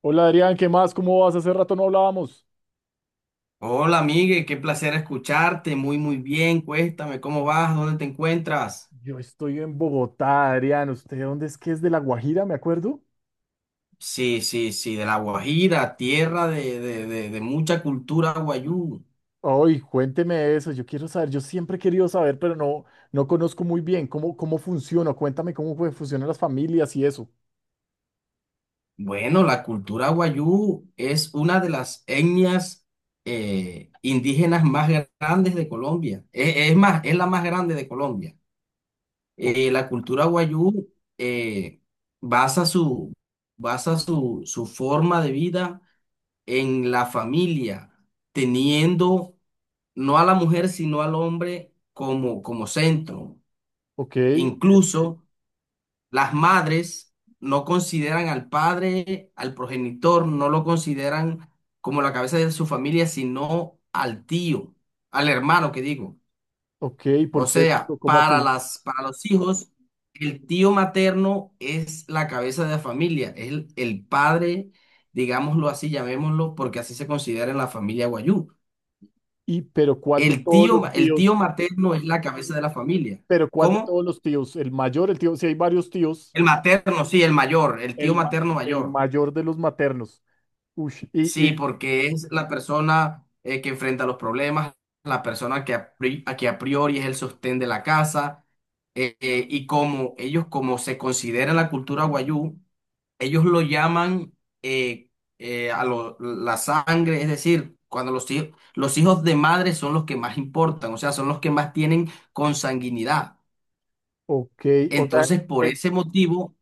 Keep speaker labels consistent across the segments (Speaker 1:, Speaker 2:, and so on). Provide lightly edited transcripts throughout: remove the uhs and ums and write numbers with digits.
Speaker 1: Hola, Adrián, ¿qué más? ¿Cómo vas? Hace rato no hablábamos.
Speaker 2: Hola, Migue, qué placer escucharte. Muy, muy bien. Cuéntame, ¿cómo vas? ¿Dónde te encuentras?
Speaker 1: Yo estoy en Bogotá, Adrián. ¿Usted de dónde es? Que es de La Guajira, me acuerdo.
Speaker 2: Sí, sí, sí, de La Guajira, tierra de mucha cultura guayú.
Speaker 1: Ay, cuénteme eso. Yo quiero saber. Yo siempre he querido saber, pero no, no conozco muy bien cómo funciona. Cuéntame funcionan las familias y eso.
Speaker 2: Bueno, la cultura guayú es una de las etnias indígenas más grandes de Colombia. Es la más grande de Colombia.
Speaker 1: O-
Speaker 2: La cultura guayú basa su, basa su, su forma de vida en la familia, teniendo no a la mujer, sino al hombre como, como centro.
Speaker 1: ok, ok,
Speaker 2: Incluso las madres no consideran al padre, al progenitor, no lo consideran como la cabeza de su familia, sino al tío, al hermano que digo.
Speaker 1: ok.
Speaker 2: O
Speaker 1: ¿Por qué es eso?
Speaker 2: sea,
Speaker 1: ¿Cómo
Speaker 2: para
Speaker 1: así?
Speaker 2: las, para los hijos, el tío materno es la cabeza de la familia, es el padre, digámoslo así, llamémoslo, porque así se considera en la familia Guayú.
Speaker 1: Pero ¿cuál de
Speaker 2: El
Speaker 1: todos
Speaker 2: tío,
Speaker 1: los
Speaker 2: el
Speaker 1: tíos?
Speaker 2: tío materno es la cabeza de la familia.
Speaker 1: ¿Pero cuál de
Speaker 2: ¿Cómo?
Speaker 1: todos los tíos? El mayor, el tío. Si hay varios tíos,
Speaker 2: El materno, sí, el mayor, el tío
Speaker 1: el, ma-
Speaker 2: materno
Speaker 1: el
Speaker 2: mayor.
Speaker 1: mayor de los maternos. Ush,
Speaker 2: Sí, porque es la persona que enfrenta los problemas, la persona que a, a que a priori es el sostén de la casa. Y como ellos, como se considera en la cultura guayú, ellos lo llaman eh, a la sangre, es decir, cuando los hijos de madre son los que más importan, o sea, son los que más tienen consanguinidad.
Speaker 1: ok, o sea.
Speaker 2: Entonces, por
Speaker 1: En
Speaker 2: ese motivo,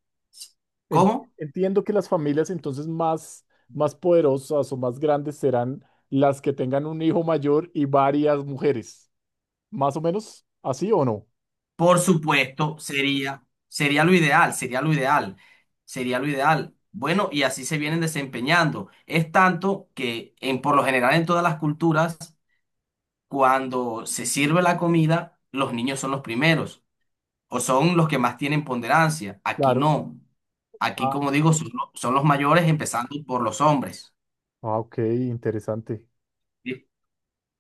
Speaker 1: En-
Speaker 2: ¿cómo?
Speaker 1: Entiendo que las familias entonces más poderosas o más grandes serán las que tengan un hijo mayor y varias mujeres. ¿Más o menos así o no?
Speaker 2: Por supuesto, sería, sería lo ideal, sería lo ideal, sería lo ideal. Bueno, y así se vienen desempeñando. Es tanto que en, por lo general en todas las culturas, cuando se sirve la comida, los niños son los primeros o son los que más tienen ponderancia. Aquí
Speaker 1: Claro.
Speaker 2: no. Aquí,
Speaker 1: Ah,
Speaker 2: como digo, son, son los mayores, empezando por los hombres.
Speaker 1: ah, ok, interesante.
Speaker 2: ¿Sí?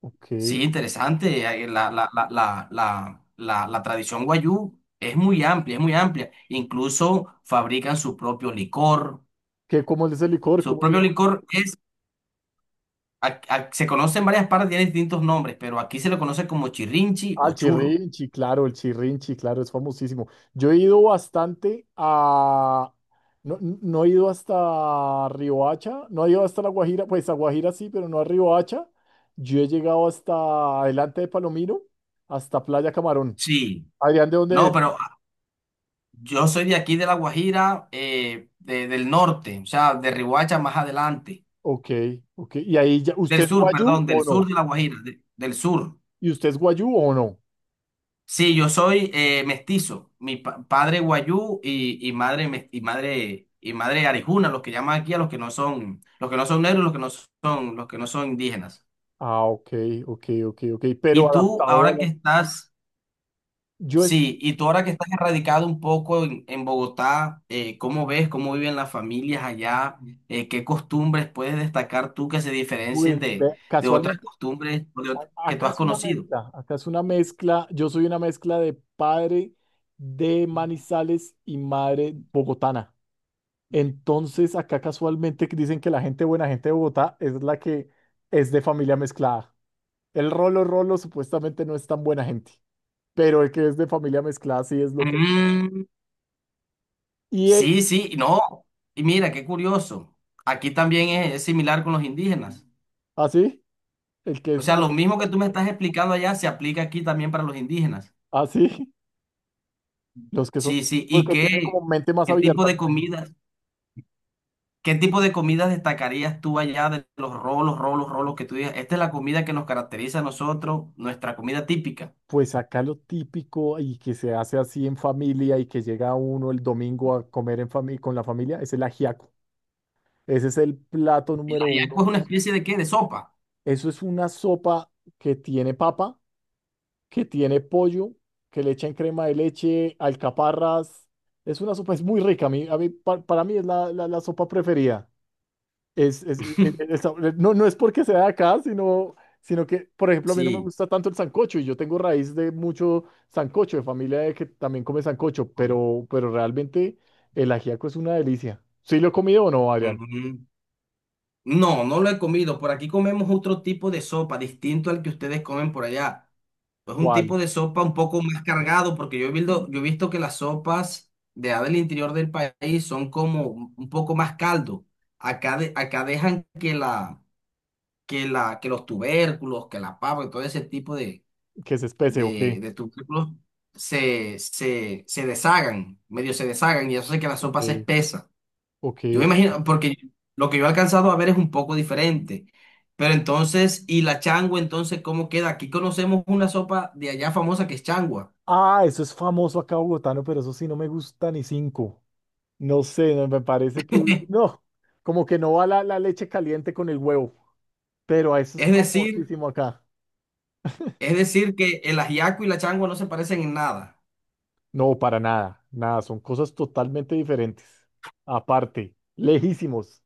Speaker 1: Ok.
Speaker 2: Sí, interesante. La tradición guayú es muy amplia, es muy amplia. Incluso fabrican su propio licor.
Speaker 1: ¿Qué, cómo es el licor?
Speaker 2: Su
Speaker 1: ¿Cómo se
Speaker 2: propio
Speaker 1: llama?
Speaker 2: licor es, se conoce en varias partes, tiene distintos nombres, pero aquí se lo conoce como chirrinchi o
Speaker 1: Al
Speaker 2: churro.
Speaker 1: Chirrinchi, claro, el Chirrinchi, claro, es famosísimo. Yo he ido bastante a... No, no he ido hasta Riohacha, no he ido hasta La Guajira, pues a Guajira sí, pero no a Riohacha. Yo he llegado hasta adelante de Palomino, hasta Playa Camarón.
Speaker 2: Sí,
Speaker 1: Adrián, ¿de dónde
Speaker 2: no,
Speaker 1: es?
Speaker 2: pero yo soy de aquí, de La Guajira, del norte, o sea, de Riohacha más adelante.
Speaker 1: Ok, ok. ¿Y ahí ya,
Speaker 2: Del
Speaker 1: usted es
Speaker 2: sur,
Speaker 1: guayú
Speaker 2: perdón, del
Speaker 1: o
Speaker 2: sur
Speaker 1: no?
Speaker 2: de La Guajira, del sur.
Speaker 1: ¿Y usted es guayú o no?
Speaker 2: Sí, yo soy mestizo. Mi padre guayú y madre y madre arijuna, los que llaman aquí a los que no son, los que no son negros, los que no son, los que no son indígenas.
Speaker 1: Ah, ok, ok. Pero
Speaker 2: Y tú
Speaker 1: adaptado a
Speaker 2: ahora
Speaker 1: la...
Speaker 2: que estás,
Speaker 1: Yo es,
Speaker 2: sí, y tú ahora que estás erradicado un poco en Bogotá, ¿cómo ves cómo viven las familias allá? ¿Qué costumbres puedes destacar tú que se diferencien
Speaker 1: pues,
Speaker 2: de otras
Speaker 1: casualmente...
Speaker 2: costumbres o de que tú
Speaker 1: Acá
Speaker 2: has
Speaker 1: es una
Speaker 2: conocido?
Speaker 1: mezcla, acá es una mezcla. Yo soy una mezcla de padre de Manizales y madre bogotana. Entonces, acá casualmente dicen que la gente buena, gente de Bogotá, es la que es de familia mezclada. El rolo rolo supuestamente no es tan buena gente, pero el que es de familia mezclada sí es lo que... Y el,
Speaker 2: Sí, sí, no. Y mira, qué curioso. Aquí también es similar con los indígenas.
Speaker 1: así, el que
Speaker 2: O
Speaker 1: es
Speaker 2: sea, lo
Speaker 1: bueno,
Speaker 2: mismo que tú me estás explicando allá se aplica aquí también para los indígenas.
Speaker 1: así, los que son,
Speaker 2: Sí, sí.
Speaker 1: porque tienen como mente más
Speaker 2: ¿Qué tipo
Speaker 1: abierta,
Speaker 2: de
Speaker 1: me imagino.
Speaker 2: comidas, qué tipo de comidas destacarías tú allá de los rolos, rolos, rolos que tú digas? Esta es la comida que nos caracteriza a nosotros, nuestra comida típica.
Speaker 1: Pues acá lo típico y que se hace así en familia y que llega uno el domingo a comer con la familia es el ajiaco. Ese es el plato
Speaker 2: ¿Y la
Speaker 1: número
Speaker 2: ajiaco
Speaker 1: uno.
Speaker 2: es una especie de qué? De sopa.
Speaker 1: Eso es una sopa que tiene papa, que tiene pollo, que le echan crema de leche, alcaparras. Es una sopa, es muy rica. Para mí es la sopa preferida. No, no es porque sea de acá, sino que, por ejemplo, a mí no me
Speaker 2: Sí.
Speaker 1: gusta tanto el sancocho y yo tengo raíz de mucho sancocho, de familia de que también come sancocho, pero realmente el ajiaco es una delicia. ¿Sí lo he comido o no, Adrián?
Speaker 2: Ujú. No, no lo he comido. Por aquí comemos otro tipo de sopa distinto al que ustedes comen por allá. Es un
Speaker 1: ¿Cuál?
Speaker 2: tipo de sopa un poco más cargado, porque yo he visto que las sopas de allá del interior del país son como un poco más caldo. Acá, acá dejan que, la, que, la, que los tubérculos, que la papa, y todo ese tipo de,
Speaker 1: ¿Que es especie o qué?
Speaker 2: de tubérculos se, se, se deshagan, medio se deshagan, y eso hace que la
Speaker 1: Ok,
Speaker 2: sopa se espesa. Yo me
Speaker 1: ok.
Speaker 2: imagino, porque lo que yo he alcanzado a ver es un poco diferente. Pero entonces, ¿y la changua entonces cómo queda? Aquí conocemos una sopa de allá famosa que es changua.
Speaker 1: Ah, eso es famoso acá bogotano, pero eso sí no me gusta ni cinco. No sé, no, me parece que no, como que no va la leche caliente con el huevo, pero eso es
Speaker 2: Es decir,
Speaker 1: famosísimo acá.
Speaker 2: es decir que el ajiaco y la changua no se parecen en nada.
Speaker 1: No, para nada, nada, son cosas totalmente diferentes. Aparte, lejísimos,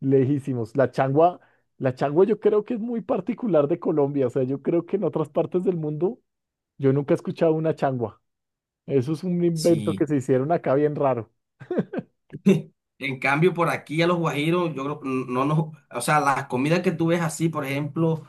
Speaker 1: lejísimos. La changua yo creo que es muy particular de Colombia, o sea, yo creo que en otras partes del mundo yo nunca he escuchado una changua. Eso es un invento que
Speaker 2: Sí,
Speaker 1: se hicieron acá bien raro.
Speaker 2: en cambio, por aquí a los guajiros, yo creo que no nos, o sea, las comidas que tú ves así, por ejemplo,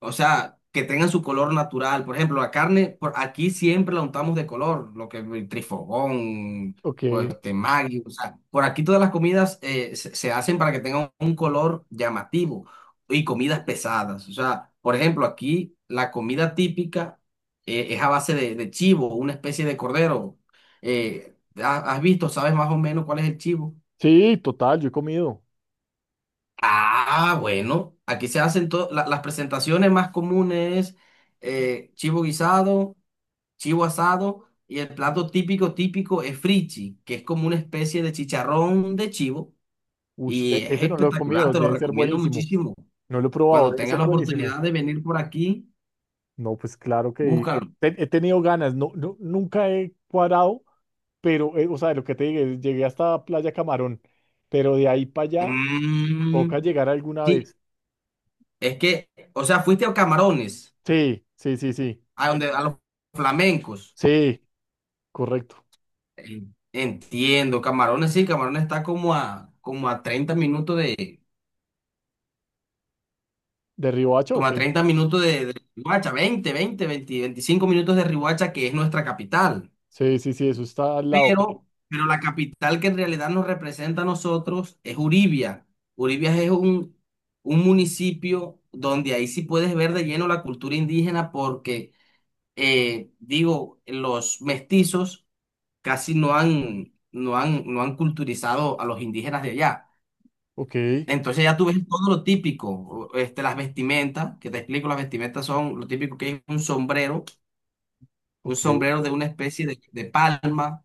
Speaker 2: o sea, que tengan su color natural. Por ejemplo, la carne, por aquí siempre la untamos de color, lo que es el trifogón,
Speaker 1: Ok,
Speaker 2: o este Maggi, o sea, por aquí todas las comidas se hacen para que tengan un color llamativo y comidas pesadas. O sea, por ejemplo, aquí la comida típica es a base de chivo, una especie de cordero. ¿Has visto, sabes más o menos cuál es el chivo?
Speaker 1: sí, total, yo he comido.
Speaker 2: Ah, bueno, aquí se hacen las presentaciones más comunes, chivo guisado, chivo asado y el plato típico típico es frichi, que es como una especie de chicharrón de chivo
Speaker 1: Uy,
Speaker 2: y es
Speaker 1: ese no lo he
Speaker 2: espectacular,
Speaker 1: comido,
Speaker 2: te lo
Speaker 1: debe ser
Speaker 2: recomiendo
Speaker 1: buenísimo.
Speaker 2: muchísimo.
Speaker 1: No lo he probado,
Speaker 2: Cuando
Speaker 1: debe
Speaker 2: tengas
Speaker 1: ser
Speaker 2: la
Speaker 1: buenísimo.
Speaker 2: oportunidad de venir por aquí,
Speaker 1: No, pues claro que
Speaker 2: búscalo.
Speaker 1: he tenido ganas, no, no, nunca he cuadrado pero, o sea, lo que te dije, llegué hasta Playa Camarón, pero de ahí para allá
Speaker 2: Mm,
Speaker 1: toca llegar alguna
Speaker 2: sí,
Speaker 1: vez.
Speaker 2: es que, o sea, fuiste a Camarones,
Speaker 1: Sí,
Speaker 2: a donde a los flamencos.
Speaker 1: sí, correcto.
Speaker 2: Entiendo, Camarones sí, Camarones está como a, como a 30 minutos de,
Speaker 1: ¿De Riohacha o
Speaker 2: como a
Speaker 1: qué?
Speaker 2: 30 minutos de Riohacha, 20 20, 20, 25 minutos de Riohacha, que es nuestra capital.
Speaker 1: Sí, sí, sí, eso está al lado.
Speaker 2: Pero la capital que en realidad nos representa a nosotros es Uribia. Uribia es un municipio donde ahí sí puedes ver de lleno la cultura indígena porque, digo, los mestizos casi no han, no han, no han culturizado a los indígenas de allá.
Speaker 1: Ok,
Speaker 2: Entonces ya tú ves todo lo típico, este, las vestimentas, que te explico, las vestimentas son lo típico que es un
Speaker 1: ok,
Speaker 2: sombrero de una especie de palma,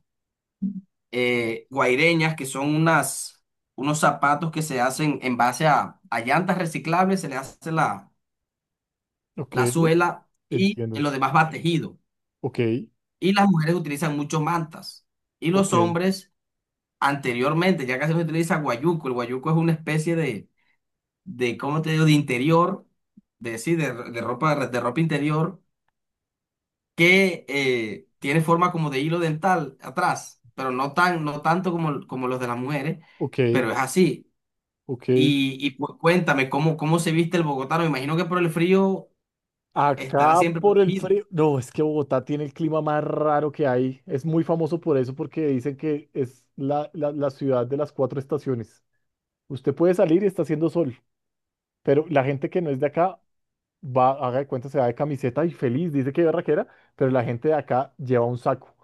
Speaker 2: guaireñas, que son unas, unos zapatos que se hacen en base a llantas reciclables, se le hace la,
Speaker 1: ok,
Speaker 2: la suela y
Speaker 1: entiendo.
Speaker 2: lo demás va tejido.
Speaker 1: Ok,
Speaker 2: Y las mujeres utilizan mucho mantas. Y
Speaker 1: ok,
Speaker 2: los hombres, anteriormente, ya casi no se utiliza guayuco, el guayuco es una especie de, ¿cómo te digo?, de interior, de, sí, de ropa interior, que tiene forma como de hilo dental atrás, pero no tan, no tanto como, como los de las mujeres,
Speaker 1: ok,
Speaker 2: pero es así.
Speaker 1: ok.
Speaker 2: Y pues cuéntame, ¿cómo, cómo se viste el bogotano? Me imagino que por el frío estará
Speaker 1: Acá
Speaker 2: siempre
Speaker 1: por el
Speaker 2: protegido.
Speaker 1: frío. No, es que Bogotá tiene el clima más raro que hay. Es muy famoso por eso, porque dicen que es la ciudad de las cuatro estaciones. Usted puede salir y está haciendo sol. Pero la gente que no es de acá va, haga de cuenta, se va de camiseta y feliz, dice que barraquera, pero la gente de acá lleva un saco.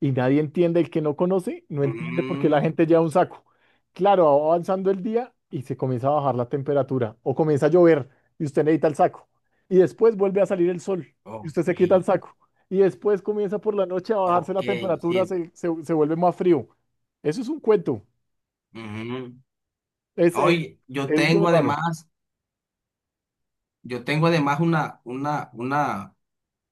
Speaker 1: Y nadie entiende, el que no conoce, no entiende por qué la
Speaker 2: Mm,
Speaker 1: gente lleva un saco. Claro, va avanzando el día y se comienza a bajar la temperatura o comienza a llover y usted necesita el saco. Y después vuelve a salir el sol y usted se quita el
Speaker 2: ok,
Speaker 1: saco. Y después comienza por la noche a bajarse la
Speaker 2: ok,
Speaker 1: temperatura,
Speaker 2: sí.
Speaker 1: se vuelve más frío. Eso es un cuento.
Speaker 2: Ujú.
Speaker 1: Es, eh,
Speaker 2: Oye,
Speaker 1: es bien raro.
Speaker 2: yo tengo además una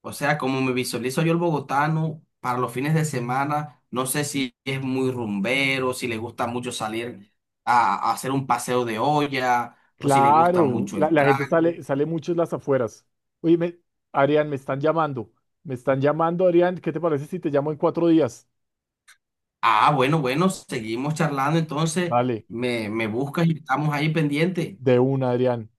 Speaker 2: o sea, como me visualizo yo el bogotano para los fines de semana, no sé si es muy rumbero, si le gusta mucho salir a hacer un paseo de olla o si le gusta
Speaker 1: Claro,
Speaker 2: mucho el
Speaker 1: la gente
Speaker 2: trago.
Speaker 1: sale, sale mucho en las afueras. Oye, me- Adrián, me están llamando. Me están llamando, Adrián. ¿Qué te parece si te llamo en 4 días?
Speaker 2: Ah, bueno, bueno, seguimos charlando entonces,
Speaker 1: Dale,
Speaker 2: me buscas y estamos ahí pendientes.
Speaker 1: de una, Adrián.